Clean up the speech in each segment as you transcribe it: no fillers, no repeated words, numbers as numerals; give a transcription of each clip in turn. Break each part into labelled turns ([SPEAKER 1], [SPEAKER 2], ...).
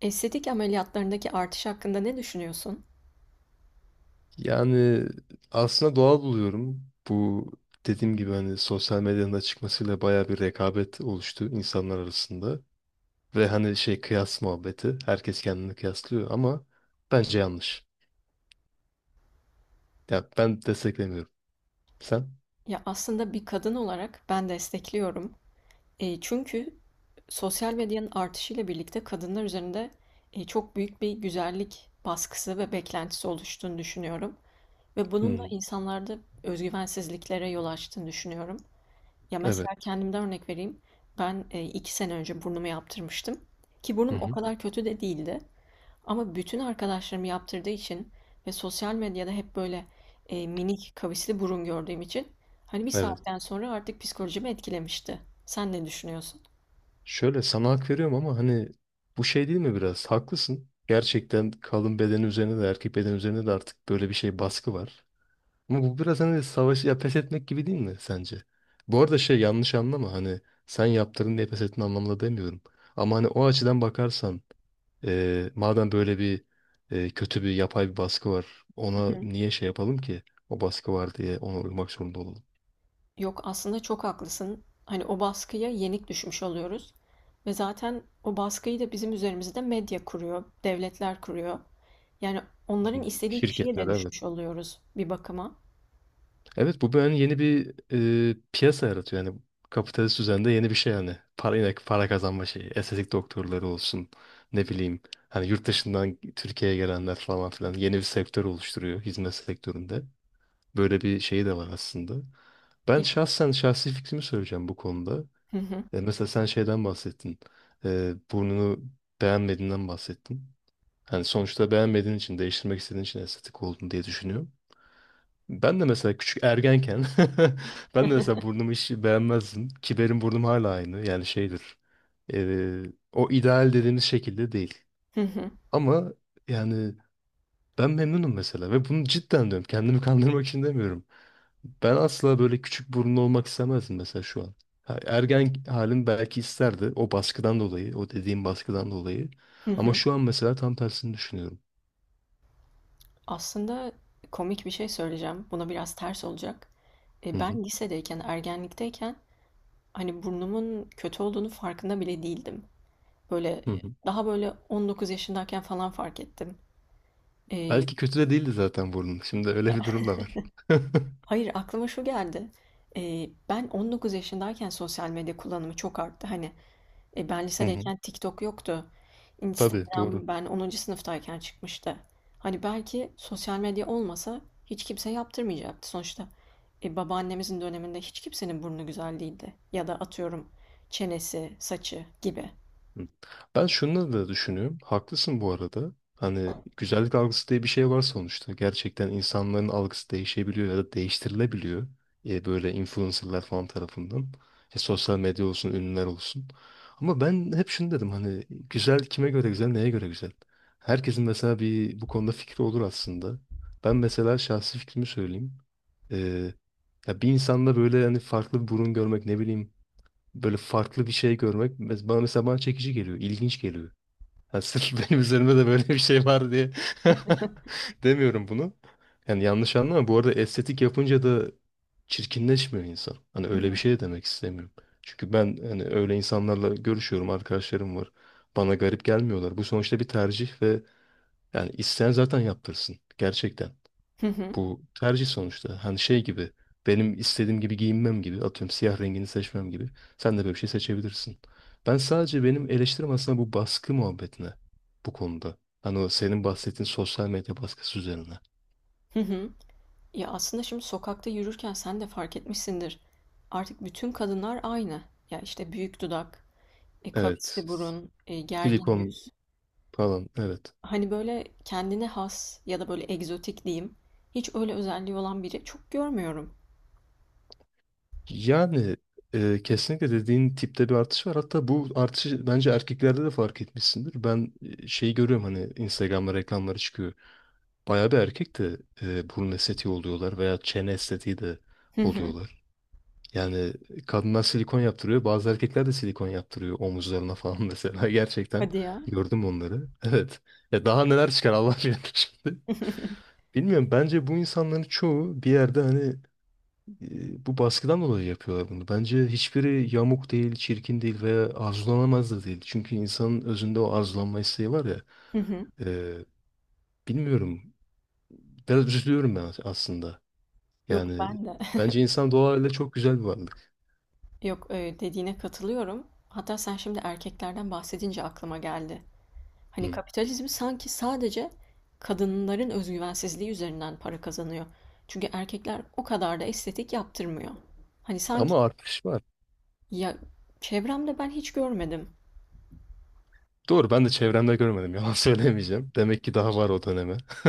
[SPEAKER 1] Estetik ameliyatlarındaki artış hakkında ne düşünüyorsun?
[SPEAKER 2] Yani aslında doğal buluyorum. Bu dediğim gibi hani sosyal medyanın da çıkmasıyla bayağı bir rekabet oluştu insanlar arasında. Ve hani şey kıyas muhabbeti. Herkes kendini kıyaslıyor ama bence yanlış. Ya ben desteklemiyorum. Sen?
[SPEAKER 1] Ya aslında bir kadın olarak ben destekliyorum. Çünkü sosyal medyanın artışıyla birlikte kadınlar üzerinde çok büyük bir güzellik baskısı ve beklentisi oluştuğunu düşünüyorum. Ve bunun da
[SPEAKER 2] Hmm,
[SPEAKER 1] insanlarda özgüvensizliklere yol açtığını düşünüyorum. Ya
[SPEAKER 2] evet.
[SPEAKER 1] mesela kendimden örnek vereyim. Ben iki sene önce burnumu yaptırmıştım. Ki
[SPEAKER 2] Hı
[SPEAKER 1] burnum o
[SPEAKER 2] hı,
[SPEAKER 1] kadar kötü de değildi. Ama bütün arkadaşlarım yaptırdığı için ve sosyal medyada hep böyle, minik kavisli burun gördüğüm için, hani, bir
[SPEAKER 2] evet.
[SPEAKER 1] saatten sonra artık psikolojimi etkilemişti. Sen ne düşünüyorsun?
[SPEAKER 2] Şöyle sana hak veriyorum ama hani bu şey değil mi biraz? Haklısın. Gerçekten kadın bedeni üzerine de erkek bedeni üzerine de artık böyle bir şey baskı var. Ama bu biraz hani savaşı ya pes etmek gibi değil mi sence? Bu arada şey yanlış anlama hani sen yaptırdın diye pes ettin anlamında demiyorum. Ama hani o açıdan bakarsan madem böyle bir kötü bir yapay bir baskı var ona
[SPEAKER 1] Hı hı.
[SPEAKER 2] niye şey yapalım ki? O baskı var diye ona uymak zorunda olalım.
[SPEAKER 1] Yok, aslında çok haklısın. Hani, o baskıya yenik düşmüş oluyoruz ve zaten o baskıyı da bizim üzerimizde medya kuruyor, devletler kuruyor. Yani
[SPEAKER 2] Hı.
[SPEAKER 1] onların istediği kişiye
[SPEAKER 2] Şirketler
[SPEAKER 1] de
[SPEAKER 2] evet.
[SPEAKER 1] düşmüş oluyoruz bir bakıma.
[SPEAKER 2] Evet bu böyle hani yeni bir piyasa yaratıyor. Yani kapitalist düzende yeni bir şey yani. Para, yine para kazanma şeyi. Estetik doktorları olsun. Ne bileyim. Hani yurt dışından Türkiye'ye gelenler falan filan. Yeni bir sektör oluşturuyor hizmet sektöründe. Böyle bir şeyi de var aslında. Ben şahsen şahsi fikrimi söyleyeceğim bu konuda.
[SPEAKER 1] Hı hı.
[SPEAKER 2] Mesela sen şeyden bahsettin. Burnunu beğenmediğinden bahsettin. Hani sonuçta beğenmediğin için, değiştirmek istediğin için estetik olduğunu diye düşünüyorum. Ben de mesela küçük ergenken ben de mesela burnumu hiç beğenmezdim. Ki benim burnum hala aynı. Yani şeydir. eee, O ideal dediğimiz şekilde değil.
[SPEAKER 1] Hı hı.
[SPEAKER 2] Ama yani ben memnunum mesela ve bunu cidden diyorum. Kendimi kandırmak için demiyorum. Ben asla böyle küçük burunlu olmak istemezdim mesela şu an. Ha, ergen halim belki isterdi o baskıdan dolayı, o dediğim baskıdan dolayı.
[SPEAKER 1] Hı
[SPEAKER 2] Ama
[SPEAKER 1] hı.
[SPEAKER 2] şu an mesela tam tersini düşünüyorum.
[SPEAKER 1] Aslında komik bir şey söyleyeceğim. Buna biraz ters olacak.
[SPEAKER 2] Hı hı,
[SPEAKER 1] Ben lisedeyken, ergenlikteyken hani burnumun kötü olduğunu farkında bile değildim. Böyle
[SPEAKER 2] hı hı.
[SPEAKER 1] daha böyle 19 yaşındayken falan fark ettim. E,
[SPEAKER 2] Belki kötü de değildi zaten burnum. Şimdi öyle bir durum da var.
[SPEAKER 1] hayır, aklıma şu geldi. Ben 19 yaşındayken sosyal medya kullanımı çok arttı. Ben
[SPEAKER 2] Hı hı.
[SPEAKER 1] lisedeyken TikTok yoktu.
[SPEAKER 2] Tabii doğru.
[SPEAKER 1] Instagram ben onuncu sınıftayken çıkmıştı. Hani belki sosyal medya olmasa hiç kimse yaptırmayacaktı sonuçta. Babaannemizin döneminde hiç kimsenin burnu güzel değildi. Ya da atıyorum, çenesi, saçı gibi.
[SPEAKER 2] Hı. Ben şunu da düşünüyorum. Haklısın bu arada. Hani güzellik algısı diye bir şey var sonuçta. Gerçekten insanların algısı değişebiliyor ya da değiştirilebiliyor. Böyle influencerlar falan tarafından. Sosyal medya olsun, ünlüler olsun. Ama ben hep şunu dedim hani güzel kime göre güzel, neye göre güzel? Herkesin mesela bir bu konuda fikri olur aslında. Ben mesela şahsi fikrimi söyleyeyim. E, Ya bir insanda böyle hani farklı bir burun görmek ne bileyim böyle farklı bir şey görmek bana mesela çekici geliyor, ilginç geliyor. Yani sırf benim üzerimde de böyle bir şey var diye demiyorum bunu. Yani yanlış anlama. Bu arada estetik yapınca da çirkinleşmiyor insan. Hani
[SPEAKER 1] Hı hı.
[SPEAKER 2] öyle bir şey de demek istemiyorum. Çünkü ben hani öyle insanlarla görüşüyorum, arkadaşlarım var. Bana garip gelmiyorlar. Bu sonuçta bir tercih ve yani isteyen zaten yaptırsın. Gerçekten.
[SPEAKER 1] Hı hı.
[SPEAKER 2] Bu tercih sonuçta. Hani şey gibi benim istediğim gibi giyinmem gibi atıyorum siyah rengini seçmem gibi. Sen de böyle bir şey seçebilirsin. Ben sadece benim eleştirim aslında bu baskı muhabbetine bu konuda. Hani o senin bahsettiğin sosyal medya baskısı üzerine.
[SPEAKER 1] Hı hı. Ya aslında şimdi sokakta yürürken sen de fark etmişsindir. Artık bütün kadınlar aynı. Ya işte büyük dudak,
[SPEAKER 2] Evet.
[SPEAKER 1] kavisli burun, gergin
[SPEAKER 2] Silikon
[SPEAKER 1] yüz.
[SPEAKER 2] falan evet.
[SPEAKER 1] Hani, böyle, kendine has ya da, böyle, egzotik diyeyim, hiç öyle özelliği olan biri çok görmüyorum.
[SPEAKER 2] Yani kesinlikle dediğin tipte bir artış var. Hatta bu artışı bence erkeklerde de fark etmişsindir. Ben şeyi görüyorum hani Instagram'da reklamları çıkıyor. Bayağı bir erkek de burun estetiği oluyorlar veya çene estetiği de
[SPEAKER 1] Hı hı.
[SPEAKER 2] oluyorlar. Yani kadınlar silikon yaptırıyor. Bazı erkekler de silikon yaptırıyor omuzlarına falan mesela. Gerçekten
[SPEAKER 1] Hadi ya.
[SPEAKER 2] gördüm onları. Evet. Ya daha neler çıkar Allah bilir şimdi. Bilmiyorum. Bence bu insanların çoğu bir yerde hani bu baskıdan dolayı yapıyorlar bunu. Bence hiçbiri yamuk değil, çirkin değil veya arzulanamaz da değil. Çünkü insanın özünde o arzulanma isteği var ya.
[SPEAKER 1] Hı hı.
[SPEAKER 2] e, Bilmiyorum. Biraz üzülüyorum ben aslında.
[SPEAKER 1] Yok,
[SPEAKER 2] Yani
[SPEAKER 1] ben de.
[SPEAKER 2] bence insan doğayla çok güzel bir varlık.
[SPEAKER 1] Yok, dediğine katılıyorum. Hatta sen şimdi erkeklerden bahsedince aklıma geldi. Hani,
[SPEAKER 2] Hı.
[SPEAKER 1] kapitalizm sanki sadece kadınların özgüvensizliği üzerinden para kazanıyor. Çünkü erkekler o kadar da estetik yaptırmıyor. Hani, sanki
[SPEAKER 2] Ama artış var.
[SPEAKER 1] ya, çevremde ben hiç görmedim
[SPEAKER 2] Doğru ben de çevremde görmedim yalan söylemeyeceğim. Demek ki daha var o döneme.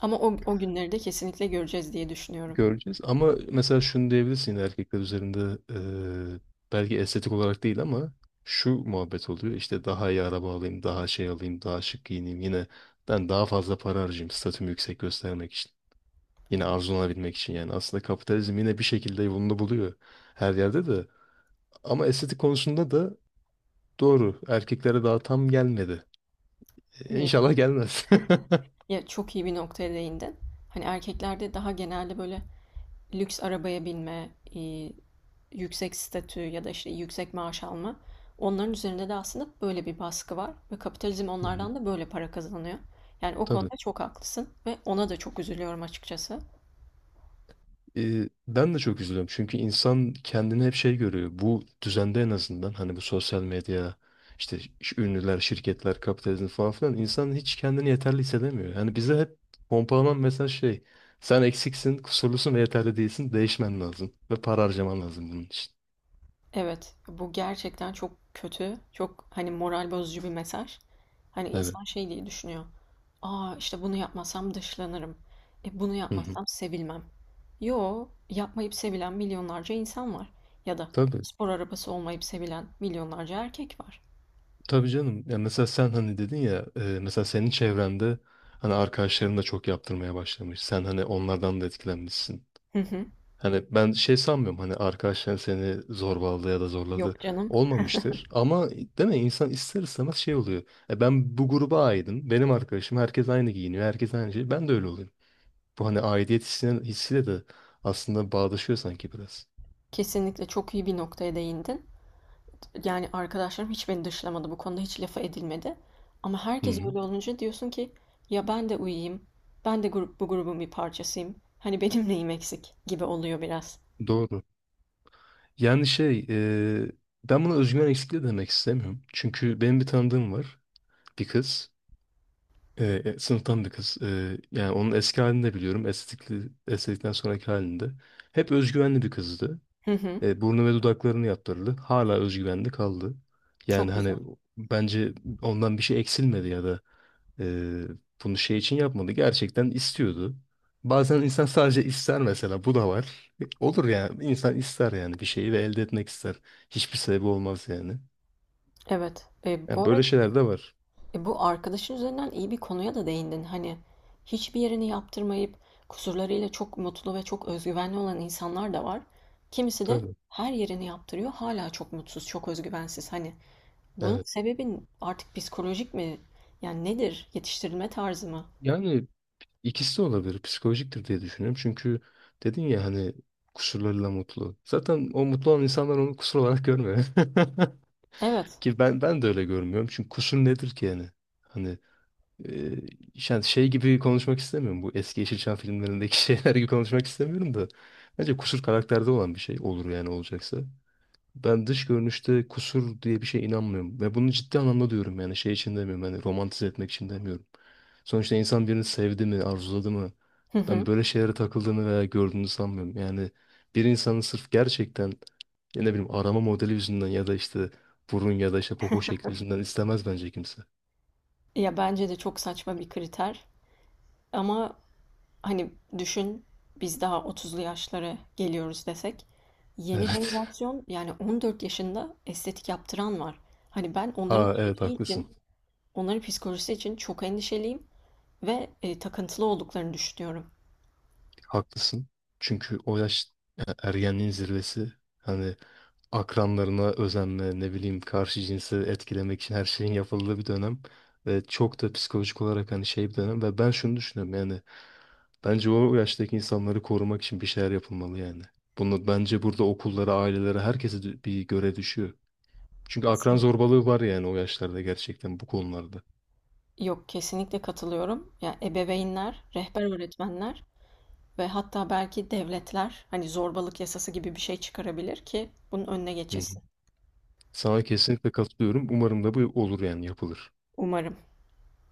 [SPEAKER 1] ama o günleri de kesinlikle göreceğiz diye düşünüyorum.
[SPEAKER 2] Göreceğiz ama mesela şunu diyebilirsin yine erkekler üzerinde eee, belki estetik olarak değil ama şu muhabbet oluyor. İşte daha iyi araba alayım, daha şey alayım, daha şık giyineyim. Yine ben daha fazla para harcayayım statümü yüksek göstermek için. Yine arzulanabilmek için yani aslında kapitalizm yine bir şekilde yolunu buluyor her yerde de. Ama estetik konusunda da doğru. Erkeklere daha tam gelmedi. İnşallah gelmez.
[SPEAKER 1] Ya çok iyi bir noktaya değindin. Hani erkeklerde daha genelde böyle lüks arabaya binme, e, yüksek statü ya da işte yüksek maaş alma. Onların üzerinde de aslında böyle bir baskı var ve kapitalizm
[SPEAKER 2] Hı hı.
[SPEAKER 1] onlardan da böyle para kazanıyor. Yani o
[SPEAKER 2] Tabii.
[SPEAKER 1] konuda çok haklısın ve ona da çok üzülüyorum açıkçası.
[SPEAKER 2] Ben de çok üzülüyorum. Çünkü insan kendini hep şey görüyor. Bu düzende en azından hani bu sosyal medya, işte ünlüler, şirketler, kapitalizm falan filan insan hiç kendini yeterli hissedemiyor. Yani bize hep pompalanan mesaj şey. Sen eksiksin, kusurlusun ve yeterli değilsin. Değişmen lazım. Ve para harcaman lazım bunun için.
[SPEAKER 1] Evet, bu gerçekten çok kötü, çok hani moral bozucu bir mesaj. Hani
[SPEAKER 2] Evet.
[SPEAKER 1] insan şey diye düşünüyor. Aa işte bunu yapmasam dışlanırım. E bunu
[SPEAKER 2] Hı hı.
[SPEAKER 1] yapmasam sevilmem. Yo, yapmayıp sevilen milyonlarca insan var. Ya da
[SPEAKER 2] Tabii.
[SPEAKER 1] spor arabası olmayıp sevilen milyonlarca erkek var.
[SPEAKER 2] Tabii canım. Ya mesela sen hani dedin ya mesela senin çevrende hani arkadaşların da çok yaptırmaya başlamış. Sen hani onlardan da etkilenmişsin.
[SPEAKER 1] Hı hı.
[SPEAKER 2] Hani ben şey sanmıyorum hani arkadaşların seni zorbaladı ya da zorladı.
[SPEAKER 1] Yok canım.
[SPEAKER 2] Olmamıştır. Ama değil mi insan ister istemez şey oluyor. Ben bu gruba aidim. Benim arkadaşım herkes aynı giyiniyor. Herkes aynı şey. Ben de öyle olayım. Bu hani aidiyet hissine, hissiyle de aslında bağdaşıyor sanki biraz.
[SPEAKER 1] Kesinlikle çok iyi bir noktaya değindin. Yani arkadaşlarım hiç beni dışlamadı. Bu konuda hiç lafa edilmedi. Ama
[SPEAKER 2] Hı
[SPEAKER 1] herkes
[SPEAKER 2] hı.
[SPEAKER 1] öyle olunca diyorsun ki ya ben de uyuyayım. Bu grubun bir parçasıyım. Hani benim neyim eksik gibi oluyor biraz.
[SPEAKER 2] Doğru. Yani şey, e, ben buna özgüven eksikliği demek istemiyorum. Çünkü benim bir tanıdığım var, bir kız, sınıftan bir kız. Yani onun eski halini de biliyorum, estetikli, estetikten sonraki halinde. Hep özgüvenli bir kızdı.
[SPEAKER 1] Hı hı.
[SPEAKER 2] Burnu ve dudaklarını yaptırdı. Hala özgüvenli kaldı. Yani
[SPEAKER 1] Çok güzel.
[SPEAKER 2] hani bence ondan bir şey eksilmedi ya da ee, bunu şey için yapmadı. Gerçekten istiyordu. Bazen insan sadece ister mesela. Bu da var. Olur yani. İnsan ister yani bir şeyi ve elde etmek ister. Hiçbir sebebi olmaz yani.
[SPEAKER 1] Evet. E, bu
[SPEAKER 2] Yani böyle
[SPEAKER 1] arada
[SPEAKER 2] şeyler de var.
[SPEAKER 1] e, bu arkadaşın üzerinden iyi bir konuya da değindin. Hani hiçbir yerini yaptırmayıp kusurlarıyla çok mutlu ve çok özgüvenli olan insanlar da var. Kimisi de
[SPEAKER 2] Tabii.
[SPEAKER 1] her yerini yaptırıyor. Hala çok mutsuz, çok özgüvensiz. Hani bunun
[SPEAKER 2] Evet.
[SPEAKER 1] sebebi artık psikolojik mi? Yani nedir? Yetiştirilme tarzı mı?
[SPEAKER 2] Yani ikisi de olabilir. Psikolojiktir diye düşünüyorum. Çünkü dedin ya hani kusurlarıyla mutlu. Zaten o mutlu olan insanlar onu kusur olarak görmüyor.
[SPEAKER 1] Evet.
[SPEAKER 2] Ki ben de öyle görmüyorum. Çünkü kusur nedir ki yani? Hani Ee, yani şey gibi konuşmak istemiyorum. Bu eski Yeşilçam filmlerindeki şeyler gibi konuşmak istemiyorum da. Bence kusur karakterde olan bir şey olur yani olacaksa. Ben dış görünüşte kusur diye bir şeye inanmıyorum. Ve bunu ciddi anlamda diyorum yani şey için demiyorum. Yani romantize etmek için demiyorum. Sonuçta insan birini sevdi mi, arzuladı mı?
[SPEAKER 1] Hı
[SPEAKER 2] Ben
[SPEAKER 1] hı.
[SPEAKER 2] böyle şeylere takıldığını veya gördüğünü sanmıyorum. Yani bir insanın sırf gerçekten ya ne bileyim arama modeli yüzünden ya da işte burun ya da işte popo şekli yüzünden istemez bence kimse.
[SPEAKER 1] Ya bence de çok saçma bir kriter. Ama hani düşün, biz daha 30'lu yaşlara geliyoruz desek. Yeni
[SPEAKER 2] Evet.
[SPEAKER 1] jenerasyon yani 14 yaşında estetik yaptıran var. Hani ben onların
[SPEAKER 2] Aa evet
[SPEAKER 1] geleceği
[SPEAKER 2] haklısın.
[SPEAKER 1] için, onların psikolojisi için çok endişeliyim ve takıntılı olduklarını düşünüyorum.
[SPEAKER 2] Haklısın. Çünkü o yaş ergenliğin zirvesi. Hani akranlarına özenme, ne bileyim karşı cinsi etkilemek için her şeyin yapıldığı bir dönem. Ve çok da psikolojik olarak hani şey bir dönem. Ve ben şunu düşünüyorum yani. Bence o yaştaki insanları korumak için bir şeyler yapılmalı yani. Bunu bence burada okullara, ailelere, herkese bir göre düşüyor. Çünkü akran
[SPEAKER 1] Kesin.
[SPEAKER 2] zorbalığı var yani o yaşlarda gerçekten bu konularda.
[SPEAKER 1] Yok, kesinlikle katılıyorum. Ya ebeveynler, rehber öğretmenler ve hatta belki devletler hani zorbalık yasası gibi bir şey çıkarabilir ki bunun önüne
[SPEAKER 2] Hı hı.
[SPEAKER 1] geçilsin.
[SPEAKER 2] Sana kesinlikle katılıyorum. Umarım da bu olur yani yapılır.
[SPEAKER 1] Umarım.